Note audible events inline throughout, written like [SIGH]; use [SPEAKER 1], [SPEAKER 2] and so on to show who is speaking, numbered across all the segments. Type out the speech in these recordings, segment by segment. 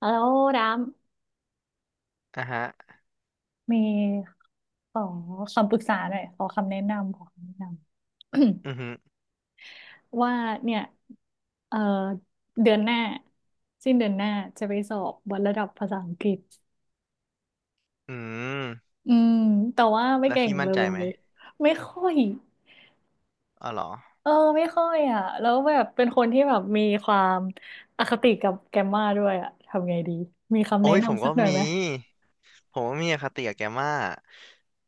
[SPEAKER 1] แล้วดาม
[SPEAKER 2] อ่ะฮะ
[SPEAKER 1] มีขอคำปรึกษาหน่อยขอคำแนะนำขอคำแนะนำ
[SPEAKER 2] อือหือ
[SPEAKER 1] [COUGHS] ว่าเนี่ยเอ่อเดือนหน้าสิ้นเดือนหน้าจะไปสอบวัดระดับภาษาอังกฤษ
[SPEAKER 2] อืม
[SPEAKER 1] อืมแต่ว่าไม่
[SPEAKER 2] แล้ว
[SPEAKER 1] เก่ง
[SPEAKER 2] พี่
[SPEAKER 1] เล
[SPEAKER 2] มั่น
[SPEAKER 1] ย
[SPEAKER 2] ใจไหม
[SPEAKER 1] ไม่ค่อย
[SPEAKER 2] อ๋อเหรอ
[SPEAKER 1] เออไม่ค่อยอ่ะแล้วแบบเป็นคนที่แบบมีความอคติกับแกรมมาด้วยอ่ะทำไงดีมีคำ
[SPEAKER 2] โอ้
[SPEAKER 1] แนะ
[SPEAKER 2] ยผม
[SPEAKER 1] นำสั
[SPEAKER 2] ก็
[SPEAKER 1] กหน่อย
[SPEAKER 2] มี
[SPEAKER 1] ไหม
[SPEAKER 2] ผมก็มีอคติกับแกมาก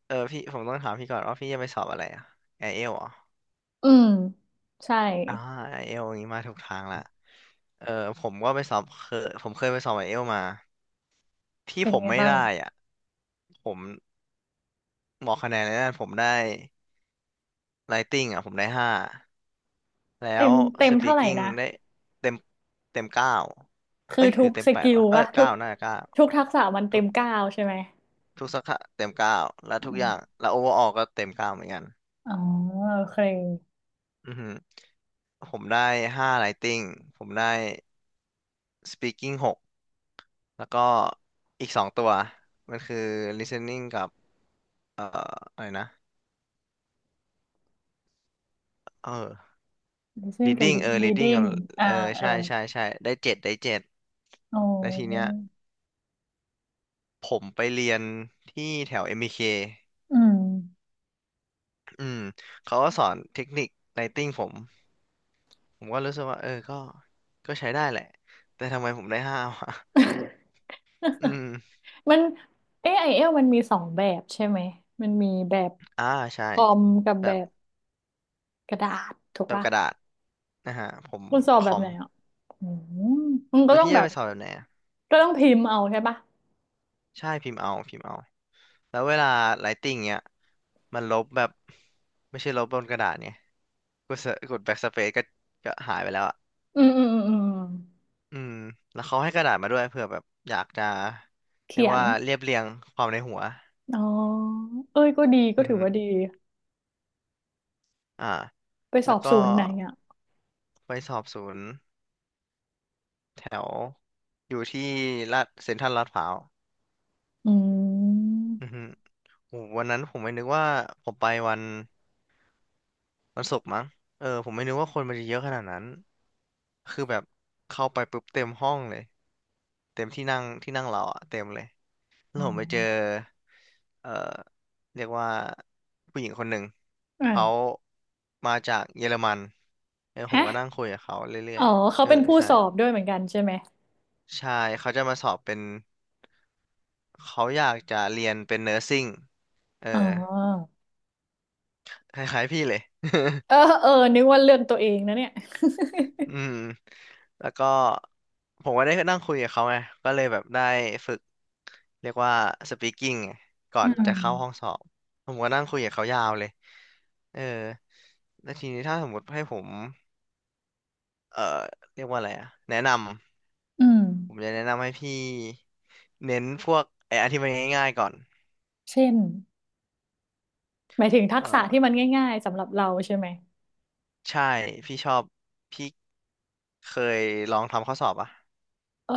[SPEAKER 2] เออพี่ผมต้องถามพี่ก่อนว่าพี่จะไปสอบอะไรอะไอเอลเหรอ
[SPEAKER 1] อืมใช่
[SPEAKER 2] อ่าไอเอลอย่างนี้มาถูกทางละเออผมก็ไปสอบเคยผมเคยไปสอบไอเอลมาที่
[SPEAKER 1] เป็น
[SPEAKER 2] ผม
[SPEAKER 1] ไง
[SPEAKER 2] ไม่
[SPEAKER 1] บ้าง
[SPEAKER 2] ได้อ่ะผมบอกคะแนนเลยนะผมได้ Writing อ่ะผมได้ห้าแล้
[SPEAKER 1] เต็
[SPEAKER 2] ว
[SPEAKER 1] มเต็มเท่าไหร่
[SPEAKER 2] Speaking
[SPEAKER 1] นะ
[SPEAKER 2] ได้เต็มเต็มเก้า
[SPEAKER 1] คือ
[SPEAKER 2] เอ้ยห
[SPEAKER 1] ทุ
[SPEAKER 2] รือ
[SPEAKER 1] ก
[SPEAKER 2] เต็
[SPEAKER 1] ส
[SPEAKER 2] มแปด
[SPEAKER 1] กิล
[SPEAKER 2] วะเออ
[SPEAKER 1] วะทุ
[SPEAKER 2] เก้า
[SPEAKER 1] ก
[SPEAKER 2] น่าจะเก้า
[SPEAKER 1] ทุกทักษะมันเต็ม 9ใช่ไหม
[SPEAKER 2] ทุกสาขาเต็มเก้าและ
[SPEAKER 1] อื
[SPEAKER 2] ทุกอย่าง
[SPEAKER 1] ม
[SPEAKER 2] และโอเวอร์ออก็เต็มเก้าเหมือนกัน
[SPEAKER 1] อ๋อ โอเค
[SPEAKER 2] อือหือผมได้ห้า writing ผมได้ speaking หกแล้วก็อีกสองตัวมันคือ listening กับอะไรนะเออ
[SPEAKER 1] listening กับ
[SPEAKER 2] reading เออ reading กั
[SPEAKER 1] reading
[SPEAKER 2] บ
[SPEAKER 1] อ่า
[SPEAKER 2] เออ
[SPEAKER 1] เออ
[SPEAKER 2] ใช่ใช่ใช่ได้เจ็ดได้เจ็ด
[SPEAKER 1] อ๋
[SPEAKER 2] แล้วทีเนี้ย
[SPEAKER 1] อ
[SPEAKER 2] ผมไปเรียนที่แถว m เ k
[SPEAKER 1] อืม
[SPEAKER 2] อืมเขาก็สอนเทคนิคไลต t i n g ผมผมก็รู้สึกว่าเออก็ก็ใช้ได้แหละแต่ทำไมผมได้ห้าวะ [LAUGHS] อื
[SPEAKER 1] [LAUGHS]
[SPEAKER 2] ม
[SPEAKER 1] มัน AIL มันมีสองแบบใช่ไหมมันมีแบบ
[SPEAKER 2] อ่าใช่
[SPEAKER 1] คอมกับ
[SPEAKER 2] แบ
[SPEAKER 1] แบ
[SPEAKER 2] บ
[SPEAKER 1] บกระดาษถูก
[SPEAKER 2] แบบ
[SPEAKER 1] ปะ
[SPEAKER 2] กระดาษนะฮะผม
[SPEAKER 1] คุณสอบ
[SPEAKER 2] ค
[SPEAKER 1] แบบ
[SPEAKER 2] อม
[SPEAKER 1] ไหนอ่ะอืมมันก็
[SPEAKER 2] แล้ว
[SPEAKER 1] ต้อง
[SPEAKER 2] พี่
[SPEAKER 1] แบ
[SPEAKER 2] จะ
[SPEAKER 1] บ
[SPEAKER 2] ไปสอบแบบไหนอะ
[SPEAKER 1] ก็ต้องพิมพ์เอาใช่ปะ
[SPEAKER 2] ใช่พิมพ์เอาพิมพ์เอาแล้วเวลาไลติ้งเนี้ยมันลบแบบไม่ใช่ลบบนกระดาษเนี่ยกดเสกดแบ็กสเปซก็ก็หายไปแล้วอ่ะ
[SPEAKER 1] อืมอืมอืมอืม
[SPEAKER 2] อืมแล้วเขาให้กระดาษมาด้วยเผื่อแบบอยากจะเรี
[SPEAKER 1] เขี
[SPEAKER 2] ยก
[SPEAKER 1] ยน
[SPEAKER 2] ว่าเรียบเรียงความในหัว
[SPEAKER 1] อ๋อ เอ้ย ก็ดี ก็
[SPEAKER 2] อือ
[SPEAKER 1] ถือ
[SPEAKER 2] ฮึ
[SPEAKER 1] ว่าดี
[SPEAKER 2] อ่า
[SPEAKER 1] ไปส
[SPEAKER 2] แล้
[SPEAKER 1] อ
[SPEAKER 2] ว
[SPEAKER 1] บ
[SPEAKER 2] ก็
[SPEAKER 1] ศูนย์ไหนอ่ะ
[SPEAKER 2] ไปสอบศูนย์แถวอยู่ที่ลาดเซ็นทรัลลาดพร้าว
[SPEAKER 1] อื
[SPEAKER 2] อือฮึ
[SPEAKER 1] ม
[SPEAKER 2] โอ้วันนั้นผมไม่นึกว่าผมไปวันศุกร์มั้งเออผมไม่นึกว่าคนมันจะเยอะขนาดนั้นคือแบบเข้าไปปุ๊บเต็มห้องเลยเต็มที่นั่งเราอะเต็มเลยแล้ว
[SPEAKER 1] อ๋อ
[SPEAKER 2] ผมไปเจอเอ่อเรียกว่าผู้หญิงคนหนึ่งเขา
[SPEAKER 1] อ่า
[SPEAKER 2] มาจากเยอรมันเออผม
[SPEAKER 1] ฮะ
[SPEAKER 2] ก็นั่งคุยกับเขาเรื่
[SPEAKER 1] อ๋
[SPEAKER 2] อ
[SPEAKER 1] อ
[SPEAKER 2] ยๆ
[SPEAKER 1] เขา
[SPEAKER 2] เออ
[SPEAKER 1] เป็นผู้
[SPEAKER 2] ใช่
[SPEAKER 1] สอบด้วยเหมือนกันใช่ไหม
[SPEAKER 2] ใช่เขาจะมาสอบเป็นเขาอยากจะเรียนเป็นเนอร์ซิ่งเออ
[SPEAKER 1] อ๋อ
[SPEAKER 2] คล้ายๆพี่เลย
[SPEAKER 1] เออเออนึกว่าเรื่องตัวเองนะเนี่ย
[SPEAKER 2] อืมแล้วก็ผมก็ได้นั่งคุยกับเขาไงก็เลยแบบได้ฝึกเรียกว่า speaking ไงก่อ
[SPEAKER 1] อื
[SPEAKER 2] น
[SPEAKER 1] ม
[SPEAKER 2] จะเข้าห้องสอบผมก็นั่งคุยกับเขายาวเลยเออแล้วทีนี้ถ้าสมมติให้ผมเอ่อเรียกว่าอะไรอะแนะนำ
[SPEAKER 1] อืม
[SPEAKER 2] ผมจะแนะนำให้พี่เน้นพวกไอ้อันที่มันง่ายๆก่อน
[SPEAKER 1] เช่น หมายถึงทั
[SPEAKER 2] เอ
[SPEAKER 1] กษะ
[SPEAKER 2] อ
[SPEAKER 1] ที่มันง่ายๆสำหรับเราใช่ไหม
[SPEAKER 2] ใช่พี่ชอบพี่เคยลองทำข้อสอบอ่ะ
[SPEAKER 1] เออ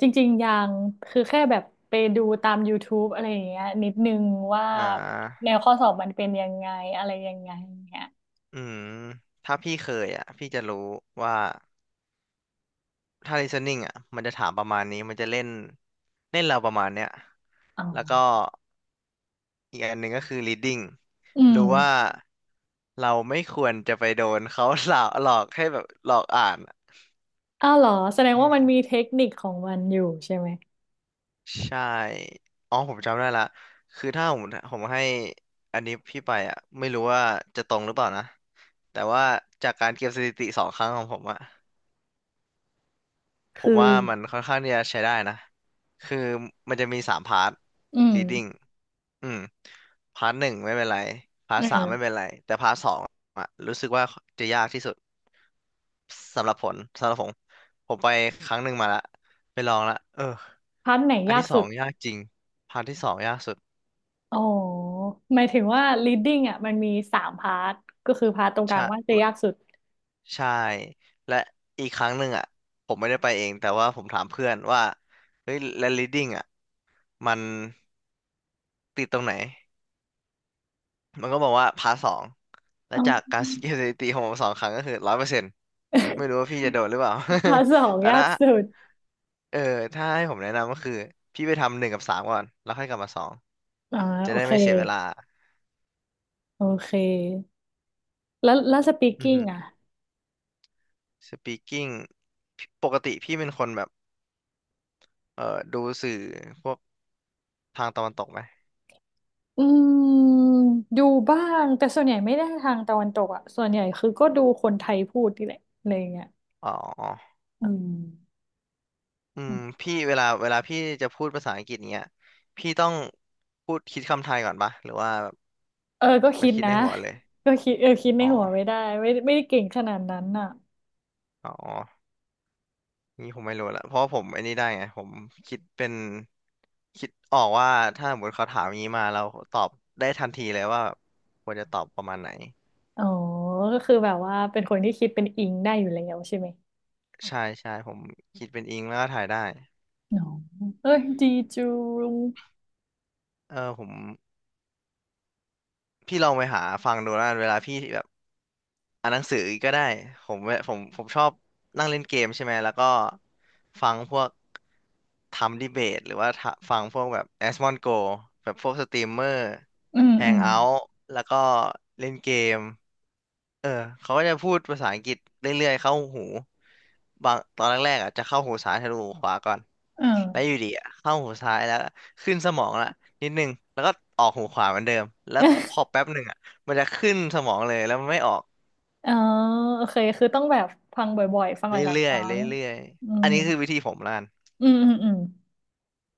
[SPEAKER 1] จริงๆยัง คือแค่แบบไปดูตาม YouTube อะไรอย่างเงี้ยนิดนึงว่า
[SPEAKER 2] อ่า
[SPEAKER 1] แนวข้อสอบมันเป็นยังไงอะไรยังไงอย่างเงี้ย
[SPEAKER 2] อืมถ้าพี่เคยอ่ะพี่จะรู้ว่า ถ้า listening อ่ะมันจะถามประมาณนี้ มันจะเล่นเล่นเราประมาณเนี้ย
[SPEAKER 1] อ๋
[SPEAKER 2] แล้วก็
[SPEAKER 1] อ
[SPEAKER 2] อีกอันหนึ่งก็คือ reading
[SPEAKER 1] อืม
[SPEAKER 2] รู้ว่าเราไม่ควรจะไปโดนเขาหลอก [LAUGHS] หลอกให้แบบหลอกอ่านอะ
[SPEAKER 1] อ้าวเหรอแสดงว่ามันมีเทคนิคของมันอยู่ใช่ไหม
[SPEAKER 2] ใช่อ๋อผมจำได้ละคือถ้าผมผมให้อันนี้พี่ไปอ่ะไม่รู้ว่าจะตรงหรือเปล่านะ แต่ว่าจากการเก็บสถิติสองครั้งของผมอ่ะผ
[SPEAKER 1] คือ
[SPEAKER 2] มว่ามันค่อนข้างที่จะใช้ได้นะ คือมันจะมีสามพาร์ท
[SPEAKER 1] อืม
[SPEAKER 2] reading อืมพาร์ทหนึ่งไม่เป็นไรพาร์ท
[SPEAKER 1] เอ
[SPEAKER 2] สามไม่เป็น
[SPEAKER 1] อ
[SPEAKER 2] ไรแต่พาร์ทสองอะรู้สึกว่าจะยากที่สุดสำหรับผลสำหรับผมผมไปครั้งหนึ่งมาละไปลองละเออ
[SPEAKER 1] พาร์ทไหน
[SPEAKER 2] อัน
[SPEAKER 1] ยาก
[SPEAKER 2] ที่ส
[SPEAKER 1] สุ
[SPEAKER 2] อง
[SPEAKER 1] ด
[SPEAKER 2] ยากจริงพาร์ทที่สองยากสุด
[SPEAKER 1] อ๋อหมายถึงว่า leading อ่ะมันมีสามพาร์ทก็คือพาร์ทตรงกลา
[SPEAKER 2] ใช่
[SPEAKER 1] งว่าจะยากสุด
[SPEAKER 2] ใช่และอีกครั้งหนึ่งอ่ะผมไม่ได้ไปเองแต่ว่าผมถามเพื่อนว่าเฮ้ยและ leading อ่ะมันติดตรงไหน มันก็บอกว่าพาร์ทสองและ
[SPEAKER 1] อ๋
[SPEAKER 2] จาก
[SPEAKER 1] อ
[SPEAKER 2] การสังเกตสถิติของผมสองครั้งก็คือ100%ไม่รู้
[SPEAKER 1] [LAUGHS]
[SPEAKER 2] ว่าพี่จะโดดหรือเปล่า
[SPEAKER 1] พาร์ทสอง
[SPEAKER 2] [LAUGHS] แต่
[SPEAKER 1] ยาก
[SPEAKER 2] ถ้า
[SPEAKER 1] สุด
[SPEAKER 2] เออถ้าให้ผมแนะนำก็คือพี่ไปทำหนึ่งกับสามก่อนแล้วค่อยกลับมาสอง
[SPEAKER 1] อ่า
[SPEAKER 2] จะ
[SPEAKER 1] โอ
[SPEAKER 2] ได้
[SPEAKER 1] เค
[SPEAKER 2] ไม่เสียเวลา
[SPEAKER 1] โอเคแล้วแล้ว
[SPEAKER 2] อือ
[SPEAKER 1] speaking
[SPEAKER 2] ฮึ
[SPEAKER 1] อ่ะ
[SPEAKER 2] speaking พี่ปกติพี่เป็นคนแบบเออดูสื่อพวกทางตะวันตกไหม
[SPEAKER 1] อืมดูบ้างแต่ส่วนใหญ่ไม่ได้ทางตะวันตกอ่ะส่วนใหญ่คือก็ดูคนไทยพูดนี่แหละอะไรอย่างเงี้ย
[SPEAKER 2] อ๋อ
[SPEAKER 1] อืม
[SPEAKER 2] อืมพี่เวลาพี่จะพูดภาษาอังกฤษเนี้ยพี่ต้องพูดคิดคำไทยก่อนปะหรือว่าแบบ
[SPEAKER 1] เออก็
[SPEAKER 2] มั
[SPEAKER 1] คิ
[SPEAKER 2] น
[SPEAKER 1] ด
[SPEAKER 2] คิด
[SPEAKER 1] นะ
[SPEAKER 2] ในหัวเลย
[SPEAKER 1] ก็คิดเออคิดใน
[SPEAKER 2] อ๋อ
[SPEAKER 1] หัวไม่ได้ไม่ได้เก่งขนาดนั้นอ่ะ
[SPEAKER 2] อ๋อ นี่ผมไม่รู้ละเพราะผมไอ้นี่ได้ไงผมคิดเป็นคิดออกว่าถ้าสมมติเขาถามอย่างนี้มาเราตอบได้ทันทีเลยว่าควรจะตอบประมาณไหน
[SPEAKER 1] อ๋อก็คือแบบว่าเป็นคนที่คิดเป็นอิงได้อยู่แล้วใช่ไหม
[SPEAKER 2] ใช่ใช่ผมคิดเป็นอิงแล้วก็ถ่ายได้
[SPEAKER 1] อ๋อเอ้ยดีจูง
[SPEAKER 2] เออผมพี่ลองไปหาฟังดูแล้วกันเวลาพี่แบบอ่านหนังสือก็ได้ผมผมชอบนั่งเล่นเกมใช่ไหมแล้วก็ฟังพวกทำดีเบตหรือว่าทะฟังพวกแบบแอสมอนโกแบบพวกสตรีมเมอร์
[SPEAKER 1] อืม
[SPEAKER 2] แฮ
[SPEAKER 1] อื
[SPEAKER 2] ง
[SPEAKER 1] ม
[SPEAKER 2] เอาท์แล้วก็เล่นเกม เออเขาก็จะพูดภาษาอังกฤษเรื่อยๆเข้าหูบางตอนแรกๆอ่ะจะเข้าหูซ้ายทะลุหูขวาก่อน
[SPEAKER 1] เอ
[SPEAKER 2] แล้วอ
[SPEAKER 1] อ
[SPEAKER 2] ยู่ดีอะเข้าหูซ้ายแล้วขึ้นสมองละนิดนึงแล้วก็ออกหูขวาเหมือนเดิมแล้วพอแป๊บหนึ่งอ่ะมันจะขึ้นสมองเลยแล้วมันไม่ออก
[SPEAKER 1] อ๋อโอเคคือต้องแบบฟังบ่อยๆฟัง
[SPEAKER 2] เ
[SPEAKER 1] หลาย
[SPEAKER 2] รื่
[SPEAKER 1] ๆค
[SPEAKER 2] อย
[SPEAKER 1] รั้
[SPEAKER 2] ๆ
[SPEAKER 1] ง
[SPEAKER 2] เรื่อย
[SPEAKER 1] อื
[SPEAKER 2] ๆอั
[SPEAKER 1] ม
[SPEAKER 2] นนี้คือวิธีผมละกัน
[SPEAKER 1] อืมอืมอืม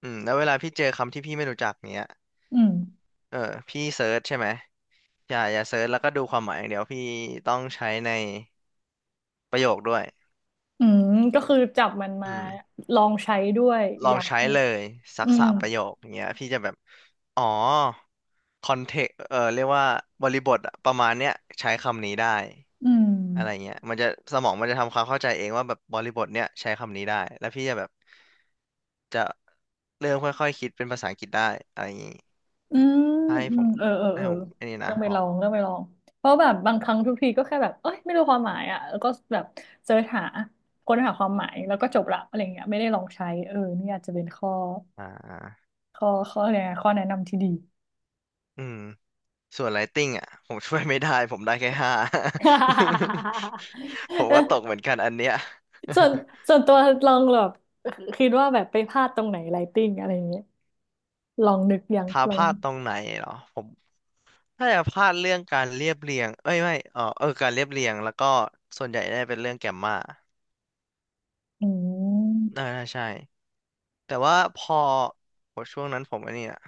[SPEAKER 2] แล้วเวลาพี่เจอคำที่พี่ไม่รู้จักเนี้ย
[SPEAKER 1] อืม
[SPEAKER 2] เออพี่เซิร์ชใช่ไหมอย่าเซิร์ชแล้วก็ดูความหมายอย่างเดียวพี่ต้องใช้ในประโยคด้วย
[SPEAKER 1] อืมก็คือจับมันมา
[SPEAKER 2] อืม
[SPEAKER 1] ลองใช้ด้วย
[SPEAKER 2] ลอ
[SPEAKER 1] อ
[SPEAKER 2] ง
[SPEAKER 1] ยาก
[SPEAKER 2] ใช้
[SPEAKER 1] ให้
[SPEAKER 2] เลยสั
[SPEAKER 1] อื
[SPEAKER 2] กสา
[SPEAKER 1] ม
[SPEAKER 2] มประโยคอย่างเงี้ยพี่จะแบบอ๋อคอนเทกเรียกว่าบริบทอะประมาณเนี้ยใช้คำนี้ได้
[SPEAKER 1] อืม
[SPEAKER 2] อะไรเงี้ยมันจะสมองมันจะทำความเข้าใจเองว่าแบบบริบทเนี้ยใช้คำนี้ได้แล้วพี่จะแบบจะเริ่มค่อยๆคิดเป็นภาษาอังกฤษได้อะไรอย่างงี้
[SPEAKER 1] อืม
[SPEAKER 2] ให้
[SPEAKER 1] อื
[SPEAKER 2] ผ
[SPEAKER 1] ม
[SPEAKER 2] ม
[SPEAKER 1] เออเออ
[SPEAKER 2] ให้
[SPEAKER 1] เออ
[SPEAKER 2] ผมไอันนี้
[SPEAKER 1] ต้
[SPEAKER 2] นะ
[SPEAKER 1] องไป
[SPEAKER 2] บ
[SPEAKER 1] ล
[SPEAKER 2] อก
[SPEAKER 1] องต้องไปลองเพราะแบบบางครั้งทุกทีก็แค่แบบเอ้ยไม่รู้ความหมายอ่ะแล้วก็แบบเสิร์ชหาค้นหาความหมายแล้วก็จบละอะไรเงี้ยไม่ได้ลองใช้เออนี่อาจจะเป็นข้อ
[SPEAKER 2] อ
[SPEAKER 1] ข้ออะไรนะข้อแนะนำที่ดี
[SPEAKER 2] ืมส่วนไ i ติ n งอ่ะผมช่วยไม่ได้ผมได้แค่ห้า [LAUGHS] ผม
[SPEAKER 1] [LAUGHS] เอ
[SPEAKER 2] ก็ตกเห
[SPEAKER 1] อ
[SPEAKER 2] มือนกันอันเนี้ย
[SPEAKER 1] ส่วนส่วนตัวลองแบบคิดว่าแบบไปพลาดตรงไหนไลติ้งอะไรเงี้ยลองนึกยัง
[SPEAKER 2] ท้า
[SPEAKER 1] ล
[SPEAKER 2] พ
[SPEAKER 1] อง
[SPEAKER 2] ลาดตรงไหนเหรอผมถ้าจะพลาดเรื่องการเรียบเรียงเอ้ยไม่การเรียบเรียงแล้วก็ส่วนใหญ่ได้เป็นเรื่องแกมมา
[SPEAKER 1] อืม
[SPEAKER 2] น่าใช่แต่ว่าพอโหช่วงนั้นผมอันนี้อะ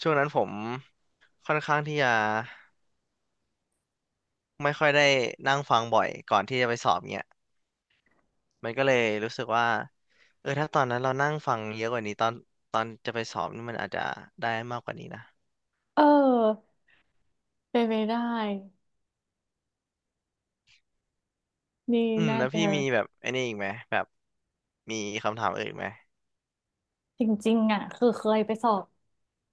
[SPEAKER 2] ช่วงนั้นผมค่อนข้างที่จะไม่ค่อยได้นั่งฟังบ่อยก่อนที่จะไปสอบเนี่ยมันก็เลยรู้สึกว่าถ้าตอนนั้นเรานั่งฟังเยอะกว่านี้ตอนตอนจะไปสอบนี่มันอาจจะได้มากกว่านี้นะ
[SPEAKER 1] เออเป็นไปได้นี่น่า
[SPEAKER 2] แล้ว
[SPEAKER 1] จะ
[SPEAKER 2] พี่มีแบบไอ้นี่อีกไหมแบบมีคำถามอื่นอีกไหม
[SPEAKER 1] จริงๆอ่ะคือเคยไปสอบ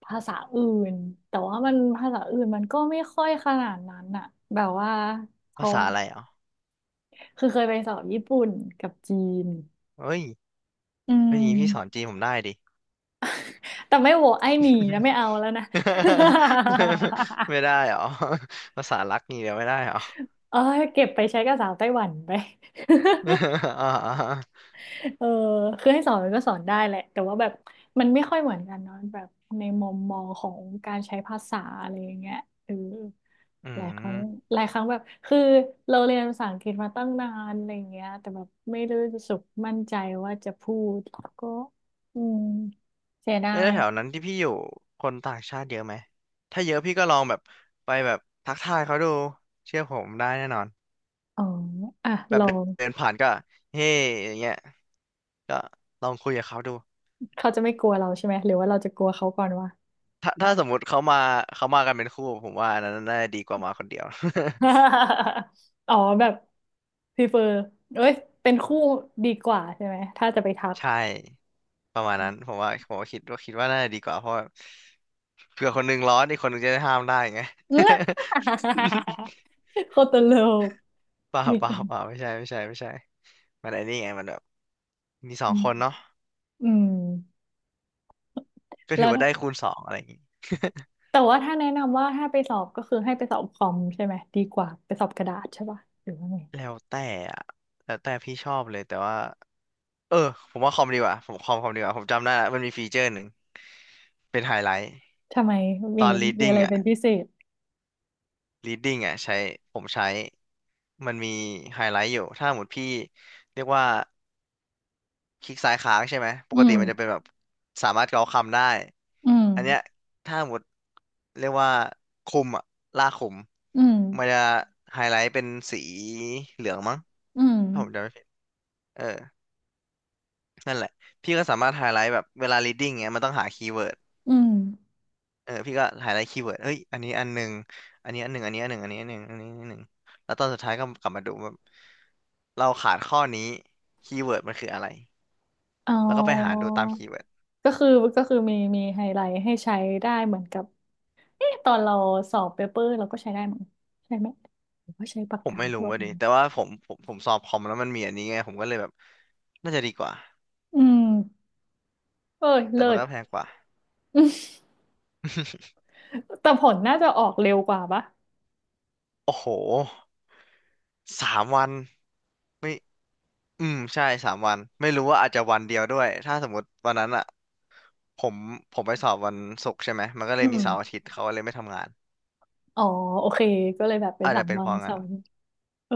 [SPEAKER 1] ภาษาอื่นแต่ว่ามันภาษาอื่นมันก็ไม่ค่อยขนาดนั้นอ่ะแบบว่าเพ
[SPEAKER 2] ภา
[SPEAKER 1] ราะ
[SPEAKER 2] ษา
[SPEAKER 1] ว่า
[SPEAKER 2] อะไรอ๋อ
[SPEAKER 1] คือเคยไปสอบญี่ปุ่นกับจีน
[SPEAKER 2] เอ้ย
[SPEAKER 1] อื
[SPEAKER 2] เฮ้ยอย่างงี้พี่สอน
[SPEAKER 1] ม
[SPEAKER 2] จีนผมได้ดิ
[SPEAKER 1] แต่ไม่โหวตไอ้หนีนะไม่เอาแล้วนะ
[SPEAKER 2] [LAUGHS]
[SPEAKER 1] [LAUGHS]
[SPEAKER 2] ไม่ได้เหรอ [LAUGHS] ภาษารักงี่เดียวไม่ได้เหรอ
[SPEAKER 1] เออเก็บไปใช้กับสาวไต้หวันไป
[SPEAKER 2] [LAUGHS] อ่า
[SPEAKER 1] เออคือให้สอนมันก็สอนได้แหละแต่ว่าแบบมันไม่ค่อยเหมือนกันเนาะแบบในมุมมองของการใช้ภาษาอะไรอย่างเงี้ยเออ
[SPEAKER 2] ๆอื
[SPEAKER 1] หลายครั้
[SPEAKER 2] ม
[SPEAKER 1] งหลายครั้งแบบคือเราเรียนภาษาอังกฤษมาตั้งนานอะไรอย่างเงี้ยแต่แบบไม่ได้รู้สึกมั่นใจว่าจะพูดก็อืมเสียดา
[SPEAKER 2] เอ้ยแล้ว
[SPEAKER 1] ย
[SPEAKER 2] แถวนั้นที่พี่อยู่คนต่างชาติเยอะไหมถ้าเยอะพี่ก็ลองแบบไปแบบทักทายเขาดูเชื่อผมได้แน่นอน
[SPEAKER 1] อ๋ออ่ะ
[SPEAKER 2] แบ
[SPEAKER 1] ล
[SPEAKER 2] บ
[SPEAKER 1] อง
[SPEAKER 2] เดินผ่านก็เฮ้อย่างเงี้ยก็ลองคุยกับเขาดู
[SPEAKER 1] เขาจะไม่กลัวเราใช่ไหม หรือว่าเราจะกลัวเขาก่อนวะ
[SPEAKER 2] ถ้าสมมุติเขามาเขามากันเป็นคู่ผมว่าอันนั้นน่าจะดีกว่ามาคนเดียว
[SPEAKER 1] [LAUGHS] อ๋อแบบพรีเฟอร์เอ้ยเป็นคู่ดีกว่าใช่ไหมถ้าจะไปทัก
[SPEAKER 2] ใช่ประมาณนั้นผมว่าคิดว่าน่าจะดีกว่าเพราะว่าเผื่อคนหนึงร้อนอีกคนหนึงจะได้ห้ามได้ไง [LAUGHS]
[SPEAKER 1] [LAUGHS] เอ้ยโคตรโลก
[SPEAKER 2] เปล่า
[SPEAKER 1] มี
[SPEAKER 2] เปล่า
[SPEAKER 1] กัน
[SPEAKER 2] เปล่าไม่ใช่ไม่ใช่ไม่ใช่มันไอ้นี่ไงมันแบบมีสอ
[SPEAKER 1] อื
[SPEAKER 2] ง
[SPEAKER 1] ม
[SPEAKER 2] คนเนาะ
[SPEAKER 1] อืม
[SPEAKER 2] ก็
[SPEAKER 1] แล้
[SPEAKER 2] ถือ
[SPEAKER 1] ว
[SPEAKER 2] ว่าได้คูณ 2อะไรอย่างงี้
[SPEAKER 1] แต่ว่าถ้าแนะนำว่าถ้าไปสอบก็คือให้ไปสอบคอมใช่ไหมดีกว่าไปสอบกระดาษใช่ป่ะหรือว่าไง
[SPEAKER 2] [LAUGHS] แล้วแต่อะแล้วแต่พี่ชอบเลยแต่ว่าเออผมว่าคอมดีกว่าผมคอมดีกว่าผมจำได้ละมันมีฟีเจอร์หนึ่งเป็นไฮไลท์
[SPEAKER 1] ทำไม
[SPEAKER 2] ต
[SPEAKER 1] มี
[SPEAKER 2] อน
[SPEAKER 1] มีอะ
[SPEAKER 2] reading
[SPEAKER 1] ไร
[SPEAKER 2] อ่ะ
[SPEAKER 1] เป็นพิเศษ
[SPEAKER 2] reading อ่ะใช้ผมใช้ มันมีไฮไลท์อยู่ ถ้าหมดพี่เรียกว่าคลิกซ้ายค้างใช่ไหม ป
[SPEAKER 1] อื
[SPEAKER 2] กติ
[SPEAKER 1] ม
[SPEAKER 2] มันจะเป็นแบบสามารถเกาคำได้
[SPEAKER 1] อืม
[SPEAKER 2] อันเนี้ยถ้าหมดเรียกว่าคุมอะลากคุม
[SPEAKER 1] อืม
[SPEAKER 2] มันจะไฮไลท์เป็นสีเหลืองมั้ง
[SPEAKER 1] อืม
[SPEAKER 2] ถ้าผมจำไม่ผิดเออ นั่นแหละ พี่ก็สามารถไฮไลท์แบบเวลา reading เงี้ยมันต้องหาคีย์เวิร์ด
[SPEAKER 1] อืม
[SPEAKER 2] พี่ก็หาได้คีย์เวิร์ดเฮ้ยอันนี้อันหนึ่งอันนี้อันหนึ่งอันนี้อันหนึ่งอันนี้อันหนึ่งอันนี้อันหนึ่งแล้วตอนสุดท้ายก็กลับมาดูว่าเราขาดข้อนี้คีย์เวิร์ดมันคืออะไร
[SPEAKER 1] อ๋อ
[SPEAKER 2] แล้วก็ไปหาดูตามคีย์เวิร์ด
[SPEAKER 1] ก็คือก็คือมีไฮไลท์ให้ใช้ได้เหมือนกับเอ๊ะตอนเราสอบเปเปอร์เราก็ใช้ได้มั้งใช่ไหมหรือว่าใช้ปาก
[SPEAKER 2] ผม
[SPEAKER 1] กา
[SPEAKER 2] ไม่รู้
[SPEAKER 1] ทั่ว
[SPEAKER 2] ว่า
[SPEAKER 1] ไป
[SPEAKER 2] ดิแต่ว่าผมสอบคอมแล้วมันมีอันนี้ไงผมก็เลยแบบน่าจะดีกว่า
[SPEAKER 1] อืมเอ้ย
[SPEAKER 2] แต่
[SPEAKER 1] เลิ
[SPEAKER 2] มัน
[SPEAKER 1] ศ
[SPEAKER 2] ก็แพงกว่า
[SPEAKER 1] แต่ผลน่าจะออกเร็วกว่าปะ
[SPEAKER 2] [LAUGHS] โอ้โห3 วันไม่ใช่สามวันไม่รู้ว่าอาจจะวันเดียวด้วยถ้าสมมติวันนั้นอ่ะผมผมไปสอบวันศุกร์ใช่ไหมมันก็เล
[SPEAKER 1] อื
[SPEAKER 2] ยมีเสา
[SPEAKER 1] ม
[SPEAKER 2] ร์อาทิตย์เขาก็เลยไม่ทำงาน
[SPEAKER 1] อ๋อ โอเค ก็เลยแบบเป็น
[SPEAKER 2] อาจ
[SPEAKER 1] สา
[SPEAKER 2] จะ
[SPEAKER 1] ม
[SPEAKER 2] เป็น
[SPEAKER 1] วั
[SPEAKER 2] เพ
[SPEAKER 1] น
[SPEAKER 2] ราะ
[SPEAKER 1] สา
[SPEAKER 2] งั้น
[SPEAKER 1] มวันเออ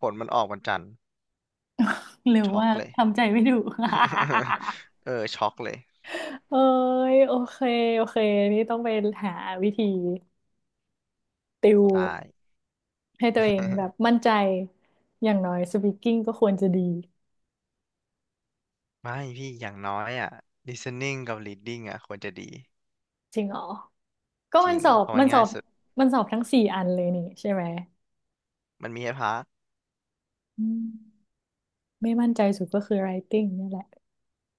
[SPEAKER 2] ผลมันออกวันจันทร์
[SPEAKER 1] เร็ว
[SPEAKER 2] ช็อก
[SPEAKER 1] มาก
[SPEAKER 2] เลย
[SPEAKER 1] ทำใจไม่ถูก
[SPEAKER 2] [LAUGHS] ช็อกเลย
[SPEAKER 1] [LAUGHS] เอ้ยโอเค โอเค นี่ต้องไปหาวิธีติว
[SPEAKER 2] ตาย
[SPEAKER 1] ให้ตัวเองแบ
[SPEAKER 2] [LAUGHS]
[SPEAKER 1] บมั่นใจ อย่างน้อยสปีกกิ้งก็ควรจะดี
[SPEAKER 2] ไม่พี่อย่างน้อยอ่ะ listening กับ reading อ่ะควรจะดี
[SPEAKER 1] จริงเหรอก็
[SPEAKER 2] จ
[SPEAKER 1] มั
[SPEAKER 2] ริ
[SPEAKER 1] น
[SPEAKER 2] ง
[SPEAKER 1] สอบ
[SPEAKER 2] เพราะมั
[SPEAKER 1] มั
[SPEAKER 2] น
[SPEAKER 1] นสอ
[SPEAKER 2] ง่าย
[SPEAKER 1] บ
[SPEAKER 2] สุด
[SPEAKER 1] มันสอบทั้งสี่อันเลยนี่ใช่ไหม
[SPEAKER 2] มันมีให้พัก
[SPEAKER 1] อืม ไม่มั่นใจสุดก็คือ writing นี่แหละ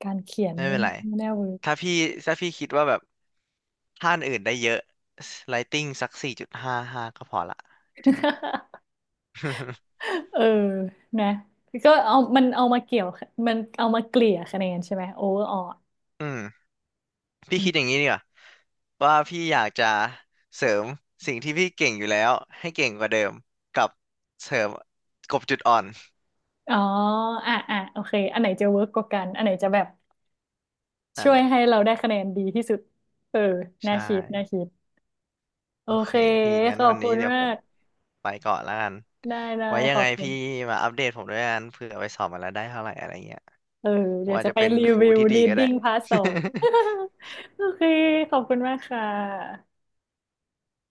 [SPEAKER 1] การเขียน
[SPEAKER 2] ไม่
[SPEAKER 1] นี่
[SPEAKER 2] เป็นไร
[SPEAKER 1] ไม่น่าเวิร์ก
[SPEAKER 2] ถ้าพี่ถ้าพี่คิดว่าแบบถ้าอันอื่นได้เยอะ i g h t i n g สัก4.55ก็พอละจริง
[SPEAKER 1] [LAUGHS] เออนะ ก็เอามันเอามาเกี่ยวมันเอามาเกลี่ยคะแนนใช่ไหมโอเวอร์ออล
[SPEAKER 2] [LAUGHS] อืมพี่คิดอย่างนี้ดีกว่าว่าพี่อยากจะเสริมสิ่งที่พี่เก่งอยู่แล้วให้เก่งกว่าเดิมกับเสริมกลบจุดอ่อน
[SPEAKER 1] อ๋ออ่ะอ่ะโอเคอันไหนจะเวิร์กกว่ากัน อันไหนจะแบบ
[SPEAKER 2] นั่
[SPEAKER 1] ช่
[SPEAKER 2] น
[SPEAKER 1] ว
[SPEAKER 2] แห
[SPEAKER 1] ย
[SPEAKER 2] ละ
[SPEAKER 1] ให้เราได้คะแนนดีที่สุด เออ น่า
[SPEAKER 2] ใช่
[SPEAKER 1] คิดน่าคิด โอ
[SPEAKER 2] โอเค
[SPEAKER 1] เค
[SPEAKER 2] พี่งั้
[SPEAKER 1] ข
[SPEAKER 2] น
[SPEAKER 1] อบ
[SPEAKER 2] วัน
[SPEAKER 1] คุ
[SPEAKER 2] นี้
[SPEAKER 1] ณ
[SPEAKER 2] เดี๋ยว
[SPEAKER 1] มา
[SPEAKER 2] ผม
[SPEAKER 1] ก
[SPEAKER 2] ไปก่อนแล้วกัน
[SPEAKER 1] ได้ได้
[SPEAKER 2] ไว้ยั
[SPEAKER 1] ข
[SPEAKER 2] ง
[SPEAKER 1] อ
[SPEAKER 2] ไง
[SPEAKER 1] บคุ
[SPEAKER 2] พี่
[SPEAKER 1] ณ
[SPEAKER 2] มาอัปเดตผมด้วยกันเผื่อไปสอบมาแล้วได้เท่าไหร่อะไรเงี้ย
[SPEAKER 1] เออ
[SPEAKER 2] ผม
[SPEAKER 1] เดี๋ยว
[SPEAKER 2] อาจ
[SPEAKER 1] จะ
[SPEAKER 2] จะ
[SPEAKER 1] ไป
[SPEAKER 2] เป็น
[SPEAKER 1] รี
[SPEAKER 2] ครู
[SPEAKER 1] วิว
[SPEAKER 2] ที่ดีก็ได้
[SPEAKER 1] reading part 2
[SPEAKER 2] [LAUGHS]
[SPEAKER 1] [LAUGHS] โอเค ขอบคุณมากค่ะ